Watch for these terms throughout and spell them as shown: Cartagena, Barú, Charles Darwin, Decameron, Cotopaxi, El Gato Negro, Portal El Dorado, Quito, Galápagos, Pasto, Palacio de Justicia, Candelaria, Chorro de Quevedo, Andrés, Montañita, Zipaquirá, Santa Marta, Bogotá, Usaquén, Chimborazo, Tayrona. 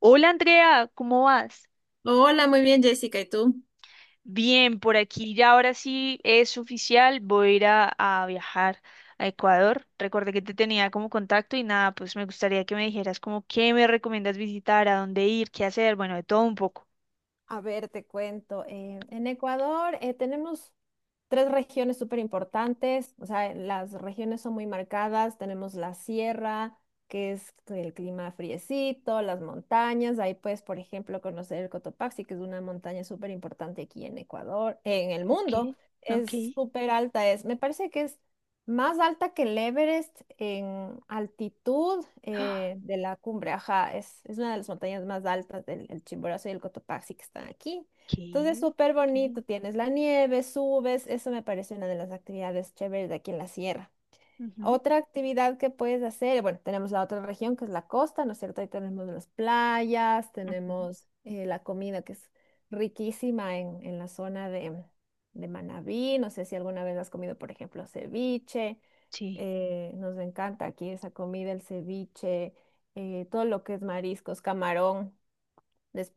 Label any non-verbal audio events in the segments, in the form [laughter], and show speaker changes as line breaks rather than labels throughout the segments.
Hola Andrea, ¿cómo vas?
Hola, muy bien, Jessica, ¿y tú?
Bien, por aquí ya ahora sí es oficial, voy a ir a viajar a Ecuador. Recordé que te tenía como contacto y nada, pues me gustaría que me dijeras como qué me recomiendas visitar, a dónde ir, qué hacer, bueno, de todo un poco.
A ver, te cuento. En Ecuador tenemos tres regiones súper importantes, o sea, las regiones son muy marcadas, tenemos la sierra, que es el clima friecito, las montañas, ahí puedes, por ejemplo, conocer el Cotopaxi, que es una montaña súper importante aquí en Ecuador, en el
Ok,
mundo,
ok.
es súper alta, es, me parece que es más alta que el Everest en altitud
[gasps] ah,
de la cumbre, ajá, es una de las montañas más altas del el Chimborazo y el Cotopaxi que están aquí.
Ok,
Entonces, súper
ok.
bonito, tienes la nieve, subes, eso me parece una de las actividades chéveres de aquí en la sierra.
ujú,
Otra actividad que puedes hacer, bueno, tenemos la otra región que es la costa, ¿no es cierto? Ahí tenemos las playas,
ujú,
tenemos la comida que es riquísima en la zona de Manabí, no sé si alguna vez has comido, por ejemplo, ceviche,
Sí,
nos encanta aquí esa comida, el ceviche, todo lo que es mariscos, camarón.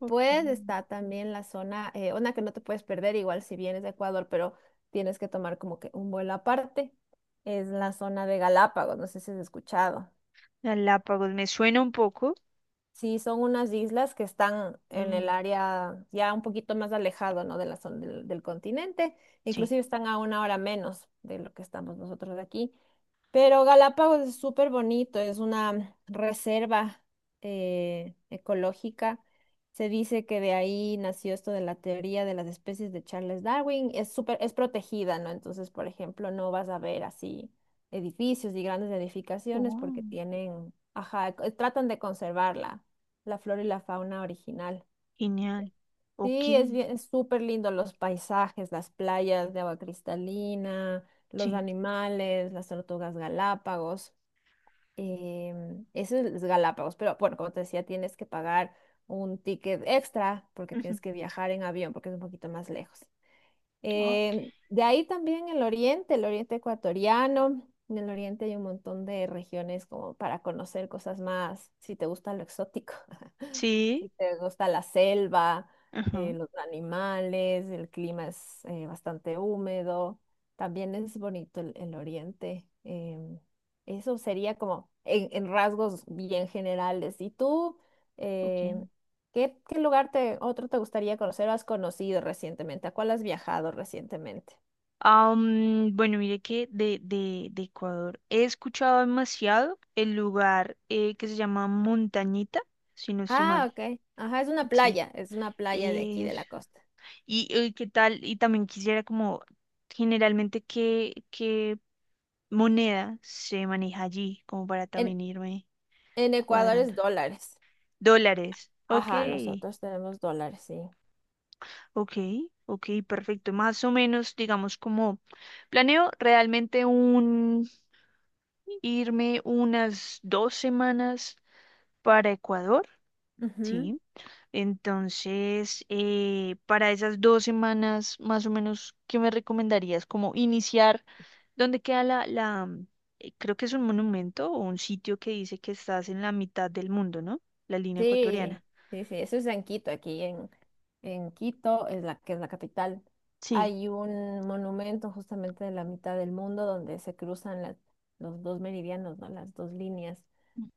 ok.
está también la zona, una que no te puedes perder, igual si vienes de Ecuador, pero tienes que tomar como que un vuelo aparte, es la zona de Galápagos, no sé si has escuchado.
Galápagos, me suena un poco.
Sí, son unas islas que están en el
mm,
área ya un poquito más alejado, ¿no? de la zona del continente.
sí.
Inclusive están a una hora menos de lo que estamos nosotros de aquí. Pero Galápagos es súper bonito, es una reserva ecológica. Se dice que de ahí nació esto de la teoría de las especies de Charles Darwin. Es súper, es protegida, ¿no? Entonces, por ejemplo, no vas a ver así edificios y grandes edificaciones porque
Oh,
tienen, ajá, tratan de conservarla. La flora y la fauna original.
genial.
Sí, es
Ok,
bien, es súper lindo los paisajes, las playas de agua cristalina, los
sí.
animales, las tortugas Galápagos. Eso es Galápagos, pero bueno, como te decía, tienes que pagar un ticket extra porque
ujú,
tienes que viajar en avión porque es un poquito más lejos.
ok.
De ahí también el oriente ecuatoriano. En el oriente hay un montón de regiones como para conocer cosas más, si te gusta lo exótico, [laughs]
Sí.
si te gusta la selva,
Ajá,
los animales, el clima es bastante húmedo. También es bonito el oriente. Eso sería como en rasgos bien generales. ¿Y tú?
ok.
Em, qué lugar te, otro te gustaría conocer o has conocido recientemente? ¿A cuál has viajado recientemente?
Ah, bueno, mire que de Ecuador he escuchado demasiado el lugar que se llama Montañita, si no estoy
Ah,
mal.
ok. Ajá,
Sí.
es una playa de aquí de
Es...
la costa.
Y, qué tal, y también quisiera como generalmente qué moneda se maneja allí, como para
En,
también irme
en Ecuador es
cuadrando.
dólares.
Dólares. Ok,
Ajá, nosotros tenemos dólares, sí.
ok, ok, perfecto. Más o menos, digamos, como planeo realmente irme unas dos semanas para Ecuador,
Ujú.
¿sí? Entonces, para esas dos semanas, más o menos, ¿qué me recomendarías? Como iniciar, ¿dónde queda la, creo que es un monumento o un sitio que dice que estás en la mitad del mundo, ¿no? La línea
Sí,
ecuatoriana.
sí, sí, eso es en Quito, en Quito, es la, que es la capital.
Sí.
Hay un monumento justamente de la mitad del mundo donde se cruzan los dos meridianos, ¿no? Las dos líneas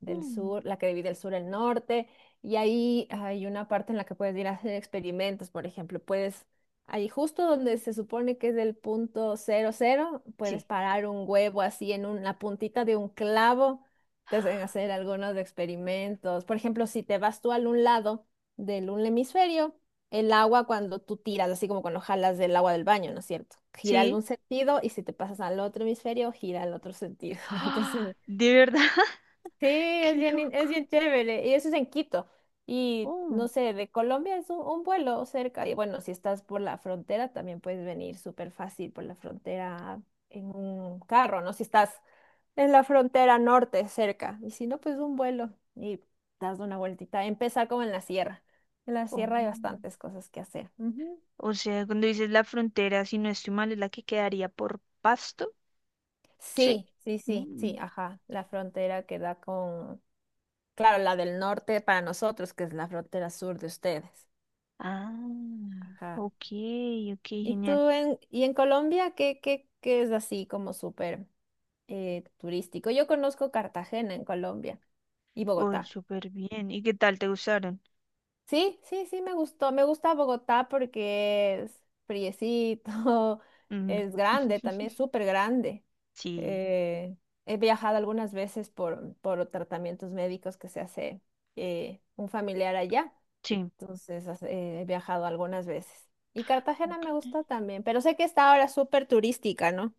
del sur, la que divide el sur y el norte, y ahí hay una parte en la que puedes ir a hacer experimentos, por ejemplo, puedes, ahí justo donde se supone que es el punto cero cero, puedes
Sí.
parar un huevo así en la puntita de un clavo te hacen hacer algunos experimentos. Por ejemplo, si te vas tú al un lado del un hemisferio, el agua cuando tú tiras, así como cuando jalas del agua del baño, ¿no es cierto? Gira al
Sí.
un
[gasps]
sentido y si te pasas al otro hemisferio, gira al otro sentido. [laughs]
¡Ah!
Entonces,
¿De verdad? [laughs]
sí, es
¡Qué
bien,
loco!
es bien chévere. Y eso es en Quito. Y no
Oh,
sé, de Colombia es un vuelo cerca. Y bueno, si estás por la frontera, también puedes venir súper fácil por la frontera en un carro, ¿no? Si estás en la frontera norte, cerca. Y si no, pues un vuelo y das una vueltita. Empezar como en la sierra. En la
oh.
sierra hay bastantes cosas que hacer. Ujú.
O sea, cuando dices la frontera, si no estoy mal, es la que quedaría por Pasto, ¿sí?
Sí, sí, sí, sí,
Mm.
ajá. La frontera que da con, claro, la del norte para nosotros, que es la frontera sur de ustedes.
Ah,
Ajá.
ok, ok,
¿Y
genial.
tú en, y en Colombia qué, qué, qué es así como súper turístico? Yo conozco Cartagena en Colombia y
Oh,
Bogotá.
súper bien. ¿Y qué tal te gustaron?
Sí, sí, sí, me gustó. Me gusta Bogotá porque es friecito, [laughs]
Mm.
es grande, también
[laughs]
súper grande.
Sí,
Eh, He viajado algunas veces por tratamientos médicos que se hace un familiar allá.
sí.
Entonces, he viajado algunas veces. Y Cartagena
Ok.
me gustó también, pero sé que está ahora súper turística, ¿no?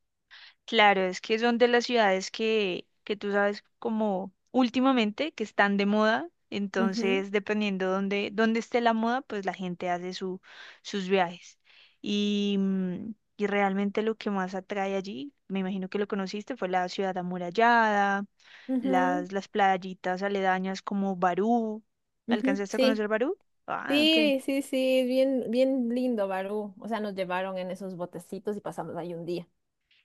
Claro, es que son de las ciudades que tú sabes como últimamente que están de moda,
Ujú,
entonces dependiendo dónde esté la moda, pues la gente hace sus viajes. Y, y realmente lo que más atrae allí, me imagino que lo conociste, fue la ciudad amurallada,
ujú,
las playitas aledañas como Barú.
ujú,
¿Alcanzaste a
sí,
conocer Barú? Ah, ok.
sí, sí, sí, bien, bien lindo, Barú. O sea, nos llevaron en esos botecitos y pasamos ahí un día.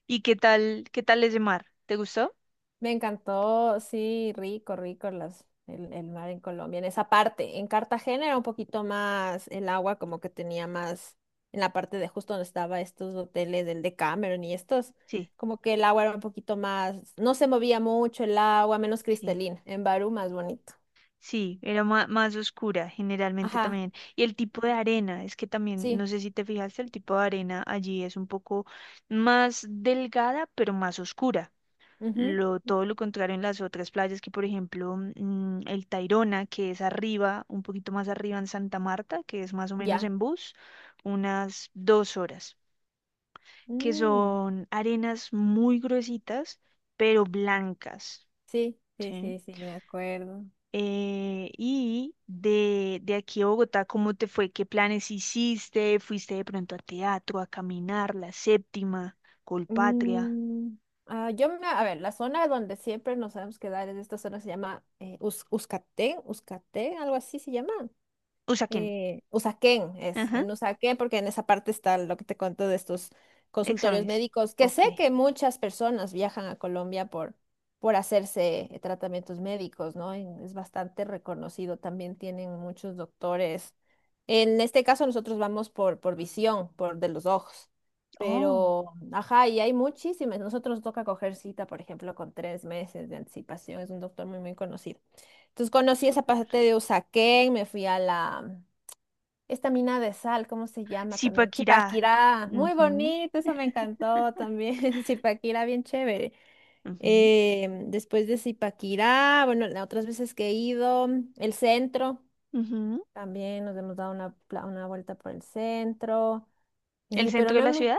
¿Y qué tal ese mar? ¿Te gustó?
Me encantó, sí, rico, rico las, el mar en Colombia, en esa parte. En Cartagena era un poquito más el agua, como que tenía más en la parte de justo donde estaba estos hoteles del Decameron y estos,
Sí,
como que el agua era un poquito más, no se movía mucho el agua, menos
sí.
cristalina. En Barú más bonito.
Sí, era más oscura generalmente
Ajá,
también. Y el tipo de arena, es que también, no
sí,
sé si te fijaste, el tipo de arena allí es un poco más delgada, pero más oscura.
ujú,
Todo lo contrario en las otras playas, que por ejemplo el Tayrona, que es arriba, un poquito más arriba en Santa Marta, que es más o menos
ya.
en bus, unas dos horas, que
Mm,
son arenas muy gruesitas, pero blancas.
sí, sí,
¿Sí?
sí, sí, me acuerdo.
Y de aquí a Bogotá, ¿cómo te fue? ¿Qué planes hiciste? ¿Fuiste de pronto a teatro, a caminar, la séptima, Colpatria?
Mm, ah, yo, a ver, la zona donde siempre nos sabemos quedar es esta zona se llama Uzcatén, Uzcatén, algo así se llama
Usaquén.
Usaquén
Ajá,
en Usaquén, porque en esa parte está lo que te cuento de estos consultorios
exámenes.
médicos, que
Ok.
sé que muchas personas viajan a Colombia por hacerse tratamientos médicos, ¿no? Es bastante reconocido, también tienen muchos doctores. En este caso nosotros vamos por visión, por de los ojos,
Oh,
pero, ajá, y hay muchísimas. Nosotros nos toca coger cita, por ejemplo, con 3 meses de anticipación, es un doctor muy, muy conocido. Entonces conocí esa
súper.
parte de Usaquén, me fui a la esta mina de sal, ¿cómo se llama también?
Zipaquirá.
Zipaquirá, muy
Ujú,
bonito, eso me encantó
[laughs]
también. [laughs] Zipaquirá, bien chévere.
ujú,
Después de Zipaquirá, bueno, las otras veces que he ido, el centro,
ujú.
también nos hemos dado una vuelta por el centro,
¿El
pero
centro de
no
la
hemos...
ciudad?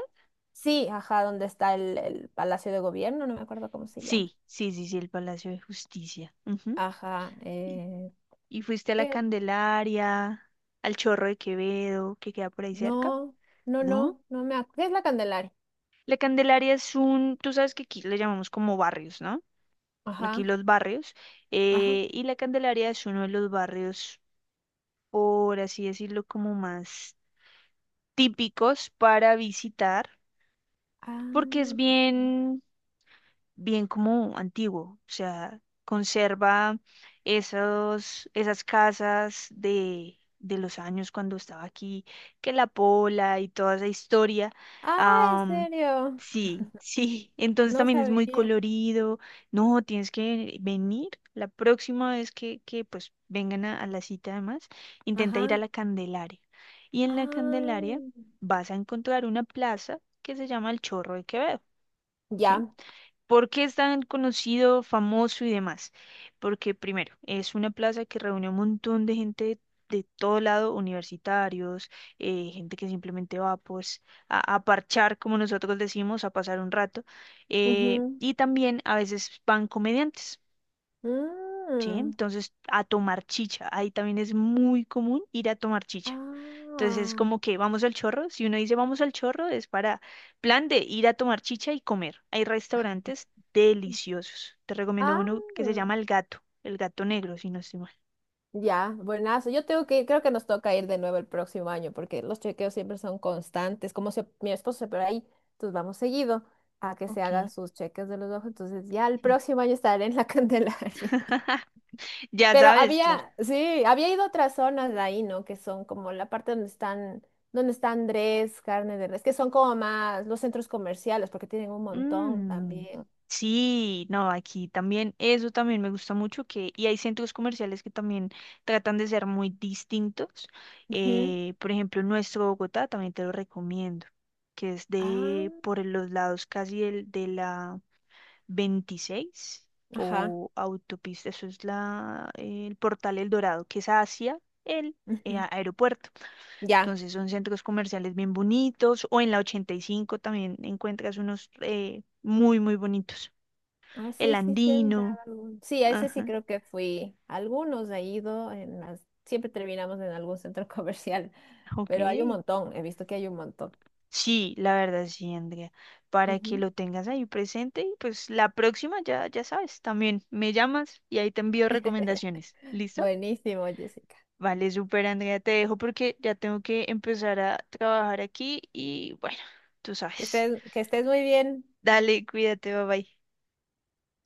Sí, ajá, donde está el Palacio de Gobierno, no me acuerdo cómo se llama.
Sí, sí, sí, sí, el Palacio de Justicia. Ujú.
Ajá,
¿Y, y fuiste a la
¿qué?
Candelaria, al Chorro de Quevedo, que queda por ahí cerca?
No, no,
¿No?
no, no me acuerdo. ¿Qué es la Candelaria?
La Candelaria es un, tú sabes que aquí le llamamos como barrios, ¿no? Aquí
Ajá,
los barrios.
ajá.
Y la Candelaria es uno de los barrios, por así decirlo, como más típicos para visitar, porque es
Ah, ok.
bien, bien como antiguo, o sea, conserva esas casas de los años cuando estaba aquí, que la pola y toda esa historia.
Ah, ¿en
am,
serio?
sí, [laughs] sí, entonces
No
también es muy
sabía.
colorido. No, tienes que venir la próxima vez que pues vengan a la cita además, intenta ir a
Ajá.
la Candelaria. Y en la Candelaria
Ah,
vas a encontrar una plaza que se llama el Chorro de Quevedo. ¿Sí?
ya.
¿Por qué es tan conocido, famoso y demás? Porque primero, es una plaza que reúne un montón de gente de todo lado, universitarios, gente que simplemente va pues a parchar, como nosotros decimos, a pasar un rato.
Ujú.
Y también a veces van comediantes, ¿sí?
Mm.
Entonces, a tomar chicha. Ahí también es muy común ir a tomar chicha. Entonces,
Ah,
como que vamos al chorro. Si uno dice vamos al chorro, es para plan de ir a tomar chicha y comer. Hay restaurantes deliciosos. Te recomiendo
ah,
uno que se llama El Gato, El Gato Negro, si no estoy mal.
ya. Buenazo. Yo tengo que, creo que nos toca ir de nuevo el próximo año porque los chequeos siempre son constantes. Mi esposo se opera ahí, entonces vamos seguido a que se
Ok,
haga sus cheques de los ojos. Entonces ya el
sí.
próximo año estaré en la [laughs] Candelaria.
[laughs] Ya
Pero
sabes, claro.
había, sí, había ido a otras zonas de ahí, ¿no? Que son como la parte donde están, donde está Andrés, carne de res, que son como más los centros comerciales, porque tienen un montón
Mm,
también.
sí, no, aquí también, eso también me gusta mucho que, y hay centros comerciales que también tratan de ser muy distintos.
Ujú.
Por ejemplo, nuestro Bogotá también te lo recomiendo, que es
Ah,
de por los lados casi de la 26
ajá.
o autopista, eso es la, el Portal El Dorado, que es hacia el
Ujú,
aeropuerto.
ya.
Entonces son centros comerciales bien bonitos o en la 85 también encuentras unos muy, muy bonitos.
Ah,
El
sí, sí, sí,
Andino.
sí, a ese sí
Ajá,
creo que fui. Algunos he ido, en las... siempre terminamos en algún centro [laughs] comercial,
ok.
pero hay un montón, he visto que hay un montón.
Sí, la verdad sí, Andrea. Para que
Ujú.
lo tengas ahí presente y pues la próxima ya, ya sabes, también me llamas y ahí te envío
[laughs]
recomendaciones. ¿Listo?
Buenísimo, Jessica.
Vale, súper, Andrea. Te dejo porque ya tengo que empezar a trabajar aquí y bueno, tú sabes.
Que estés muy bien.
Dale, cuídate, bye bye.